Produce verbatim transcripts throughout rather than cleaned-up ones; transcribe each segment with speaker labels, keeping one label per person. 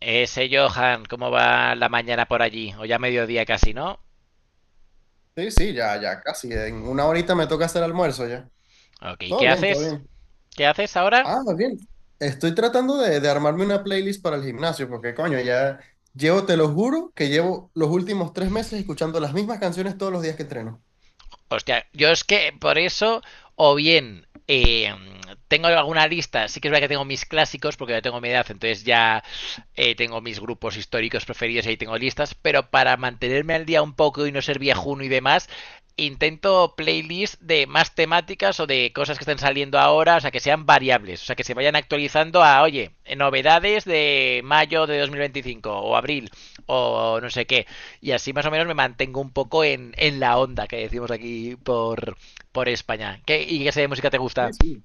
Speaker 1: Eh, sé, Johan, ¿cómo va la mañana por allí? O ya mediodía casi, ¿no?
Speaker 2: Sí, sí, ya, ya, casi. En una horita me toca hacer almuerzo ya.
Speaker 1: Ok,
Speaker 2: Todo
Speaker 1: ¿qué
Speaker 2: bien, todo
Speaker 1: haces?
Speaker 2: bien.
Speaker 1: ¿Qué haces ahora?
Speaker 2: Ah, muy bien. Estoy tratando de, de armarme una playlist para el gimnasio, porque coño, ya llevo, te lo juro, que llevo los últimos tres meses escuchando las mismas canciones todos los días que entreno.
Speaker 1: Hostia, yo es que por eso, o bien eh, tengo alguna lista, sí que es verdad que tengo mis clásicos, porque ya tengo mi edad, entonces ya eh, tengo mis grupos históricos preferidos y ahí tengo listas, pero para mantenerme al día un poco y no ser viejuno y demás, intento playlists de más temáticas o de cosas que estén saliendo ahora, o sea, que sean variables, o sea, que se vayan actualizando a, oye, novedades de mayo de dos mil veinticinco o abril o no sé qué, y así más o menos me mantengo un poco en, en la onda que decimos aquí por, por España. ¿Qué, ¿Y qué serie de música te
Speaker 2: Sí,
Speaker 1: gusta?
Speaker 2: sí.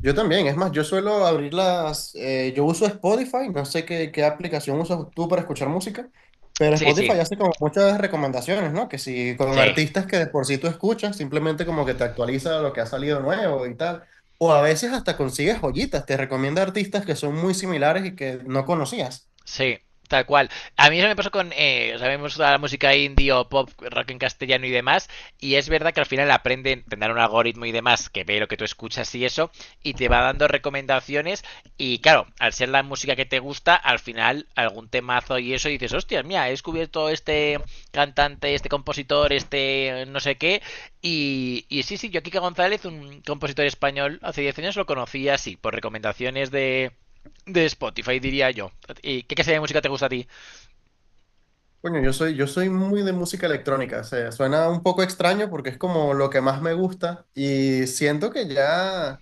Speaker 2: Yo también, es más, yo suelo abrir las, eh, yo uso Spotify, no sé qué, qué aplicación usas tú para escuchar música, pero
Speaker 1: Sí, sí,
Speaker 2: Spotify hace como muchas recomendaciones, ¿no? Que si con
Speaker 1: sí.
Speaker 2: artistas que de por sí tú escuchas, simplemente como que te actualiza lo que ha salido nuevo y tal, o a veces hasta consigues joyitas, te recomienda artistas que son muy similares y que no conocías.
Speaker 1: Sí, tal cual. A mí eso me pasó con, eh, o sea, vemos toda la música indie o pop, rock en castellano y demás, y es verdad que al final aprenden, tendrán un algoritmo y demás que ve lo que tú escuchas y eso, y te va dando recomendaciones, y claro, al ser la música que te gusta, al final algún temazo y eso, y dices, hostias, mira, he descubierto este cantante, este compositor, este no sé qué, y, y sí, sí, yo Kika González, un compositor español, hace diez años lo conocí así, por recomendaciones de de Spotify, diría yo. ¿Y qué clase de música te gusta a ti?
Speaker 2: Coño, yo soy, yo soy muy de música electrónica, o sea, suena un poco extraño porque es como lo que más me gusta y siento que ya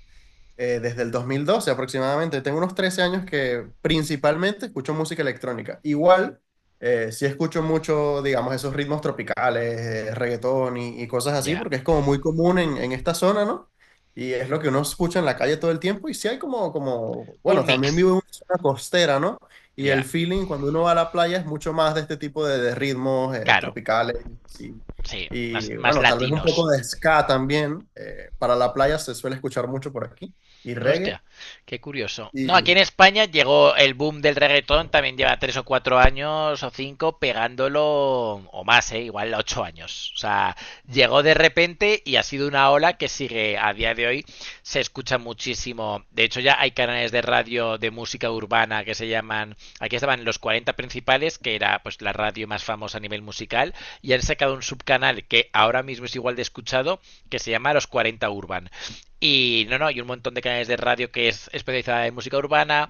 Speaker 2: eh, desde el dos mil doce aproximadamente. Tengo unos trece años que principalmente escucho música electrónica. Igual, eh, sí escucho mucho, digamos, esos ritmos tropicales, eh, reggaetón y, y cosas
Speaker 1: Ya.
Speaker 2: así,
Speaker 1: Yeah.
Speaker 2: porque es como muy común en, en esta zona, ¿no? Y es lo que uno escucha en la calle todo el tiempo. Y sí hay como, como,
Speaker 1: Un
Speaker 2: bueno, también
Speaker 1: mix.
Speaker 2: vivo en una zona costera, ¿no?
Speaker 1: Ya.
Speaker 2: Y
Speaker 1: Yeah.
Speaker 2: el feeling cuando uno va a la playa es mucho más de este tipo de, de ritmos eh,
Speaker 1: Claro.
Speaker 2: tropicales. Sí.
Speaker 1: Sí. Más,
Speaker 2: Y
Speaker 1: más
Speaker 2: bueno, tal vez un
Speaker 1: latinos.
Speaker 2: poco de ska también. Eh, para la playa se suele escuchar mucho por aquí y reggae.
Speaker 1: Hostia, qué curioso.
Speaker 2: Y
Speaker 1: No, aquí en España llegó el boom del reggaetón, también lleva tres o cuatro años o cinco pegándolo o más, ¿eh? Igual ocho años. O sea, llegó de repente y ha sido una ola que sigue a día de hoy. Se escucha muchísimo. De hecho, ya hay canales de radio de música urbana que se llaman. Aquí estaban los Cuarenta Principales, que era pues la radio más famosa a nivel musical, y han sacado un subcanal que ahora mismo es igual de escuchado, que se llama Los Cuarenta Urban. Y no, no, y un montón de canales de radio que es especializada en música urbana.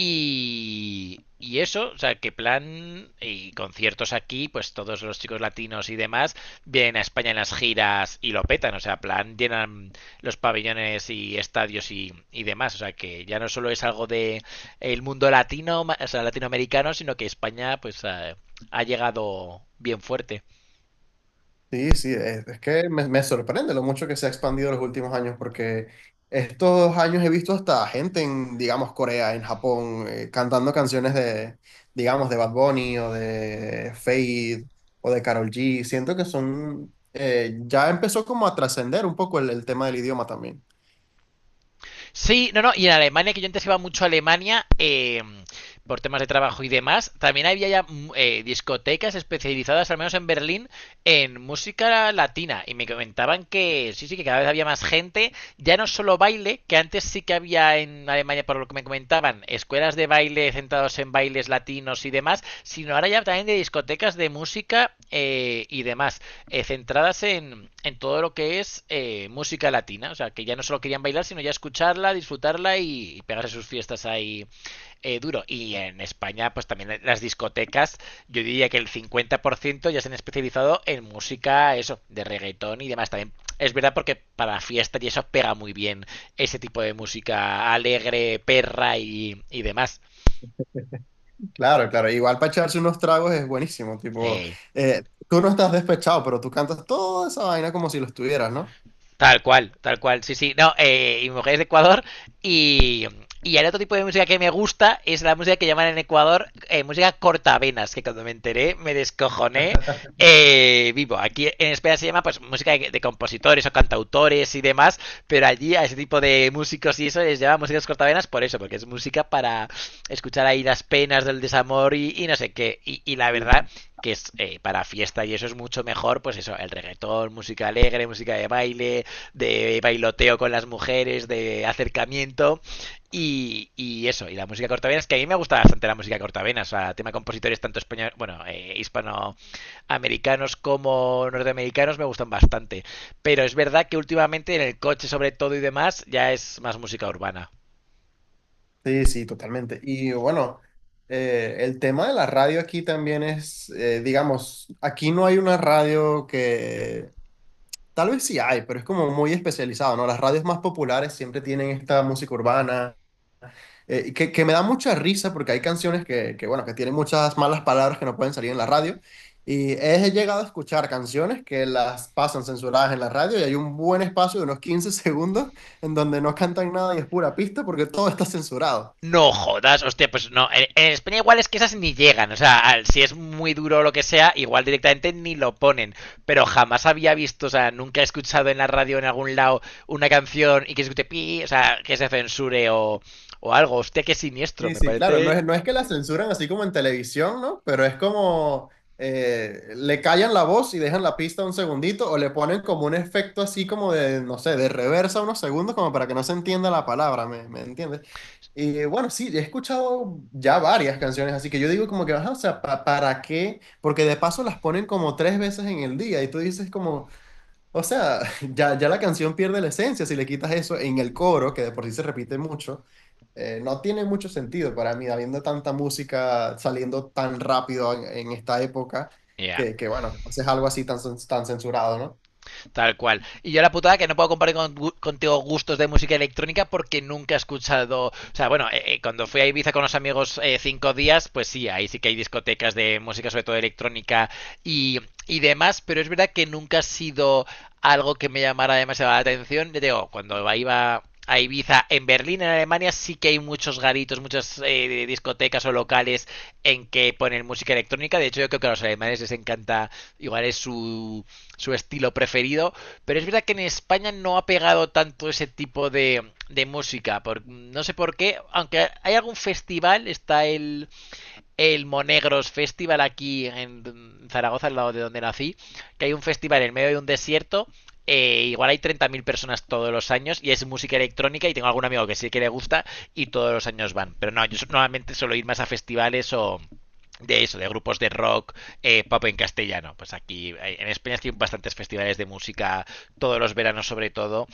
Speaker 1: Y, y eso, o sea, que plan y conciertos aquí, pues todos los chicos latinos y demás vienen a España en las giras y lo petan, o sea, plan llenan los pabellones y estadios y, y demás, o sea, que ya no solo es algo de el mundo latino, o sea, latinoamericano, sino que España pues ha, ha llegado bien fuerte.
Speaker 2: sí, sí, es, es que me, me sorprende lo mucho que se ha expandido los últimos años, porque estos años he visto hasta gente en, digamos, Corea, en Japón, eh, cantando canciones de, digamos, de Bad Bunny o de Fade o de Karol G. Siento que son, eh, ya empezó como a trascender un poco el, el tema del idioma también.
Speaker 1: Sí, no, no, y en Alemania, que yo antes iba mucho a Alemania eh, por temas de trabajo y demás, también había ya mm, eh, discotecas especializadas, al menos en Berlín, en música latina. Y me comentaban que sí, sí, que cada vez había más gente, ya no solo baile, que antes sí que había en Alemania, por lo que me comentaban, escuelas de baile centrados en bailes latinos y demás, sino ahora ya también de discotecas de música eh, y demás eh, centradas en, en todo lo que es eh, música latina. O sea, que ya no solo querían bailar, sino ya escucharla, disfrutarla y, y pegarse sus fiestas ahí eh, duro. Y en España, pues también las discotecas, yo diría que el cincuenta por ciento ya se han especializado en música, eso, de reggaetón y demás. También es verdad porque para fiestas y eso pega muy bien ese tipo de música alegre, perra y, y demás.
Speaker 2: Claro, claro, igual para echarse unos tragos es buenísimo, tipo,
Speaker 1: Eh,
Speaker 2: eh, tú no estás despechado, pero tú cantas toda esa vaina como si lo estuvieras, ¿no?
Speaker 1: Tal cual, tal cual, sí, sí. No, eh, y mi mujer es de Ecuador. Y, y el otro tipo de música que me gusta es la música que llaman en Ecuador eh, música cortavenas, que cuando me enteré me descojoné eh, vivo. Aquí en España se llama pues música de, de compositores o cantautores y demás, pero allí a ese tipo de músicos y eso les llama músicas cortavenas por eso, porque es música para escuchar ahí las penas del desamor y, y no sé qué. Y, y la verdad que es eh, para fiesta y eso es mucho mejor, pues eso, el reggaetón, música alegre, música de baile, de bailoteo con las mujeres, de acercamiento. Y, y, eso, y la música cortavenas, que a mí me gusta bastante la música cortavenas, o sea, tema de compositores tanto español, bueno, eh, hispanoamericanos como norteamericanos me gustan bastante. Pero es verdad que últimamente en el coche sobre todo y demás ya es más música urbana.
Speaker 2: Sí, sí, totalmente. Y bueno, eh, el tema de la radio aquí también es, eh, digamos, aquí no hay una radio que, tal vez sí hay, pero es como muy especializado, ¿no? Las radios más populares siempre tienen esta música urbana, eh, y que, que me da mucha risa porque hay canciones que, que, bueno, que tienen muchas malas palabras que no pueden salir en la radio. Y he llegado a escuchar canciones que las pasan censuradas en la radio y hay un buen espacio de unos quince segundos en donde no cantan nada y es pura pista porque todo está censurado.
Speaker 1: No jodas, hostia, pues no. En, en España igual es que esas ni llegan. O sea, al- si es muy duro o lo que sea, igual directamente ni lo ponen. Pero jamás había visto, o sea, nunca he escuchado en la radio en algún lado una canción y que se escuche pi, o sea, que se censure o, o algo. Hostia, qué siniestro,
Speaker 2: Sí,
Speaker 1: me
Speaker 2: sí, claro, no
Speaker 1: parece.
Speaker 2: es, no es que la censuran así como en televisión, ¿no? Pero es como eh, le callan la voz y dejan la pista un segundito o le ponen como un efecto así como de, no sé, de reversa unos segundos como para que no se entienda la palabra, ¿me, me entiendes? Y bueno, sí, he escuchado ya varias canciones, así que yo digo como que, ajá, o sea, pa- ¿para qué? Porque de paso las ponen como tres veces en el día y tú dices como, o sea, ya, ya la canción pierde la esencia si le quitas eso en el coro, que de por sí se repite mucho. Eh, no tiene mucho sentido para mí, habiendo tanta música saliendo tan rápido en, en esta época,
Speaker 1: Ya.
Speaker 2: que, que bueno, haces algo así tan, cen- tan censurado, ¿no?
Speaker 1: Tal cual. Y yo la putada que no puedo compartir con- contigo gustos de música electrónica porque nunca he escuchado. O sea, bueno, eh, eh, cuando fui a Ibiza con los amigos eh, cinco días, pues sí, ahí sí que hay discotecas de música, sobre todo electrónica y, y demás, pero es verdad que nunca ha sido algo que me llamara demasiado la atención. Ya digo, cuando iba a Ibiza, en Berlín, en Alemania, sí que hay muchos garitos, muchas eh, discotecas o locales en que ponen música electrónica. De hecho, yo creo que a los alemanes les encanta, igual es su su estilo preferido, pero es verdad que en España no ha pegado tanto ese tipo de, de música, por, no sé por qué, aunque hay algún festival, está el el Monegros Festival aquí en Zaragoza, al lado de donde nací, que hay un festival en medio de un desierto. Eh, igual hay treinta mil personas todos los años y es música electrónica y tengo algún amigo que sí que le gusta y todos los años van. Pero no, yo so-, normalmente suelo ir más a festivales o de eso, de grupos de rock, eh, pop en castellano. Pues aquí eh, en España hay bastantes festivales de música todos los veranos sobre todo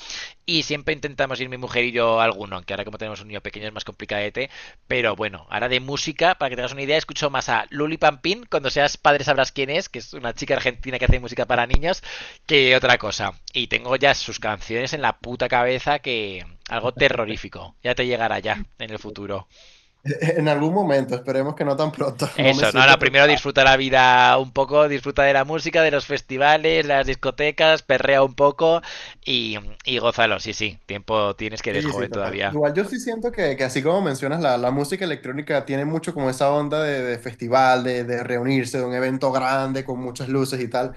Speaker 1: y siempre intentamos ir mi mujer y yo a alguno, aunque ahora como tenemos un niño pequeño es más complicadete, pero bueno, ahora de música, para que te hagas una idea, escucho más a Luli Pampín, cuando seas padre sabrás quién es, que es una chica argentina que hace música para niños, que otra cosa. Y tengo ya sus canciones en la puta cabeza que algo terrorífico. Ya te llegará ya en el futuro.
Speaker 2: En algún momento, esperemos que no tan pronto, no me
Speaker 1: Eso, no,
Speaker 2: siento
Speaker 1: no, primero
Speaker 2: preparado.
Speaker 1: disfruta la vida un poco, disfruta de la música, de los festivales, las discotecas, perrea un poco y, y gózalo, sí, sí. Tiempo tienes que eres
Speaker 2: Sí, sí,
Speaker 1: joven
Speaker 2: total.
Speaker 1: todavía.
Speaker 2: Igual yo sí siento que, que así como mencionas, la, la música electrónica tiene mucho como esa onda de, de festival, de, de reunirse, de un evento grande con muchas luces y tal.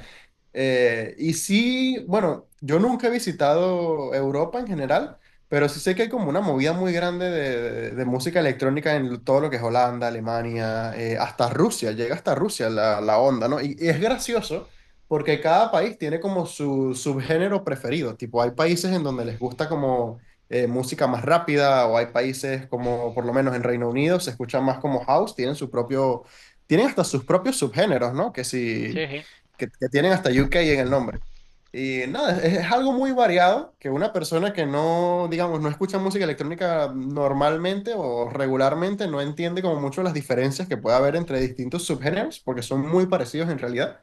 Speaker 2: Eh, y sí, bueno, yo nunca he visitado Europa en general, pero sí sé que hay como una movida muy grande de, de- de música electrónica en todo lo que es Holanda, Alemania, eh, hasta Rusia, llega hasta Rusia la, la onda, ¿no? Y, y es gracioso porque cada país tiene como su subgénero preferido, tipo hay países en donde les gusta como eh, música más rápida o hay países como por lo menos en Reino Unido se escucha más como house, tienen su propio, tienen hasta sus propios subgéneros, ¿no? Que si
Speaker 1: Sí, sí.
Speaker 2: que, que tienen hasta U K en el nombre. Y nada, es, es algo muy variado que una persona que no, digamos, no escucha música electrónica normalmente o regularmente no entiende como mucho las diferencias que puede haber entre distintos subgéneros, porque son muy parecidos en realidad.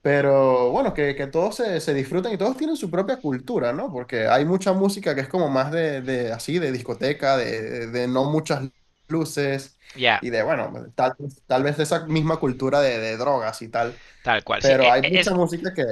Speaker 2: Pero bueno, que, que todos se, se disfrutan y todos tienen su propia cultura, ¿no? Porque hay mucha música que es como más de, de así, de discoteca, de, de, de no muchas luces
Speaker 1: Ya,
Speaker 2: y de, bueno, tal, tal vez de esa misma cultura de, de drogas y tal.
Speaker 1: tal cual. Sí,
Speaker 2: Pero
Speaker 1: es,
Speaker 2: hay
Speaker 1: es
Speaker 2: mucha música que,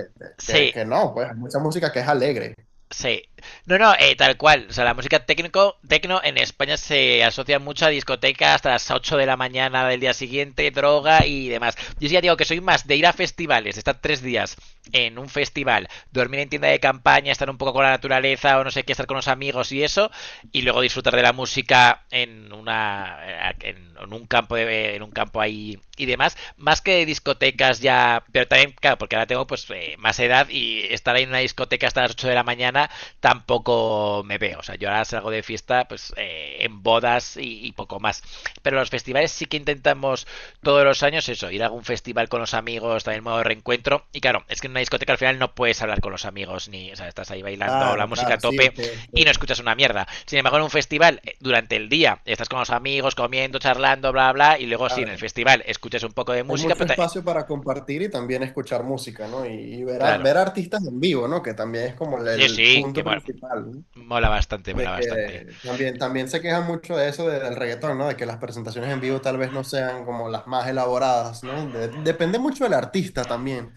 Speaker 2: que,
Speaker 1: sí,
Speaker 2: que no, pues hay mucha música que es alegre.
Speaker 1: Sí. No, no, eh, tal cual. O sea, la música técnico, tecno en España se asocia mucho a discotecas hasta las ocho de la mañana del día siguiente, droga y demás. Yo sí ya digo que soy más de ir a festivales, estar tres días en un festival, dormir en tienda de campaña, estar un poco con la naturaleza o no sé qué, estar con los amigos y eso, y luego disfrutar de la música en una eh, en, en un campo de, en un campo ahí y demás más que discotecas ya pero también claro porque ahora tengo pues eh, más edad y estar ahí en una discoteca hasta las ocho de la mañana tampoco me veo. O sea, yo ahora salgo de fiesta pues eh, en bodas y, y, poco más, pero los festivales sí que intentamos todos los años eso ir a algún festival con los amigos también modo de reencuentro. Y claro, es que en una discoteca al final no puedes hablar con los amigos ni, o sea, estás ahí bailando la
Speaker 2: Claro,
Speaker 1: música a
Speaker 2: claro, sí,
Speaker 1: tope
Speaker 2: es que, es
Speaker 1: y no
Speaker 2: que-
Speaker 1: escuchas una mierda. Sin embargo, en un festival, eh, durante el día, estás con los amigos, comiendo, charlando, bla, bla, y luego sí, en
Speaker 2: claro
Speaker 1: el
Speaker 2: que
Speaker 1: festival escuchas un poco de
Speaker 2: hay
Speaker 1: música,
Speaker 2: mucho
Speaker 1: pero... te-
Speaker 2: espacio para compartir y también escuchar música, ¿no? Y, y ver, a-
Speaker 1: Claro,
Speaker 2: ver artistas en vivo, ¿no? Que también es como el,
Speaker 1: sí,
Speaker 2: el
Speaker 1: sí, que
Speaker 2: punto
Speaker 1: mola,
Speaker 2: principal, ¿no?
Speaker 1: mola bastante, mola
Speaker 2: De
Speaker 1: bastante.
Speaker 2: que también, también se queja mucho de eso de- del reggaetón, ¿no? De que las presentaciones en vivo tal vez no sean como las más elaboradas, ¿no? De- depende mucho del artista también.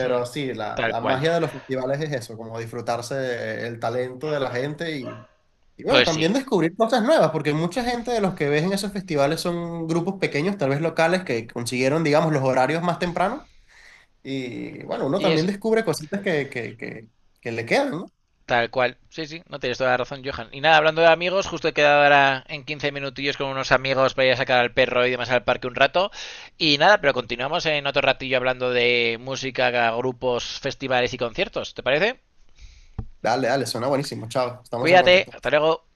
Speaker 1: Hmm,
Speaker 2: sí, la,
Speaker 1: tal
Speaker 2: la
Speaker 1: cual.
Speaker 2: magia de los festivales es eso, como disfrutarse el talento de la gente y, Y bueno,
Speaker 1: Pues sí,
Speaker 2: también descubrir cosas nuevas, porque mucha gente de los que ves en esos festivales son grupos pequeños, tal vez locales, que consiguieron, digamos, los horarios más temprano. Y bueno, uno
Speaker 1: y
Speaker 2: también
Speaker 1: eso,
Speaker 2: descubre cositas que, que, que, que le quedan, ¿no?
Speaker 1: tal cual. Sí, sí, no tienes toda la razón, Johan. Y nada, hablando de amigos, justo he quedado ahora en quince minutillos con unos amigos para ir a sacar al perro y demás al parque un rato. Y nada, pero continuamos en otro ratillo hablando de música, grupos, festivales y conciertos, ¿te parece?
Speaker 2: Dale, dale, suena buenísimo. Chao, estamos en
Speaker 1: Cuídate,
Speaker 2: contacto.
Speaker 1: hasta luego.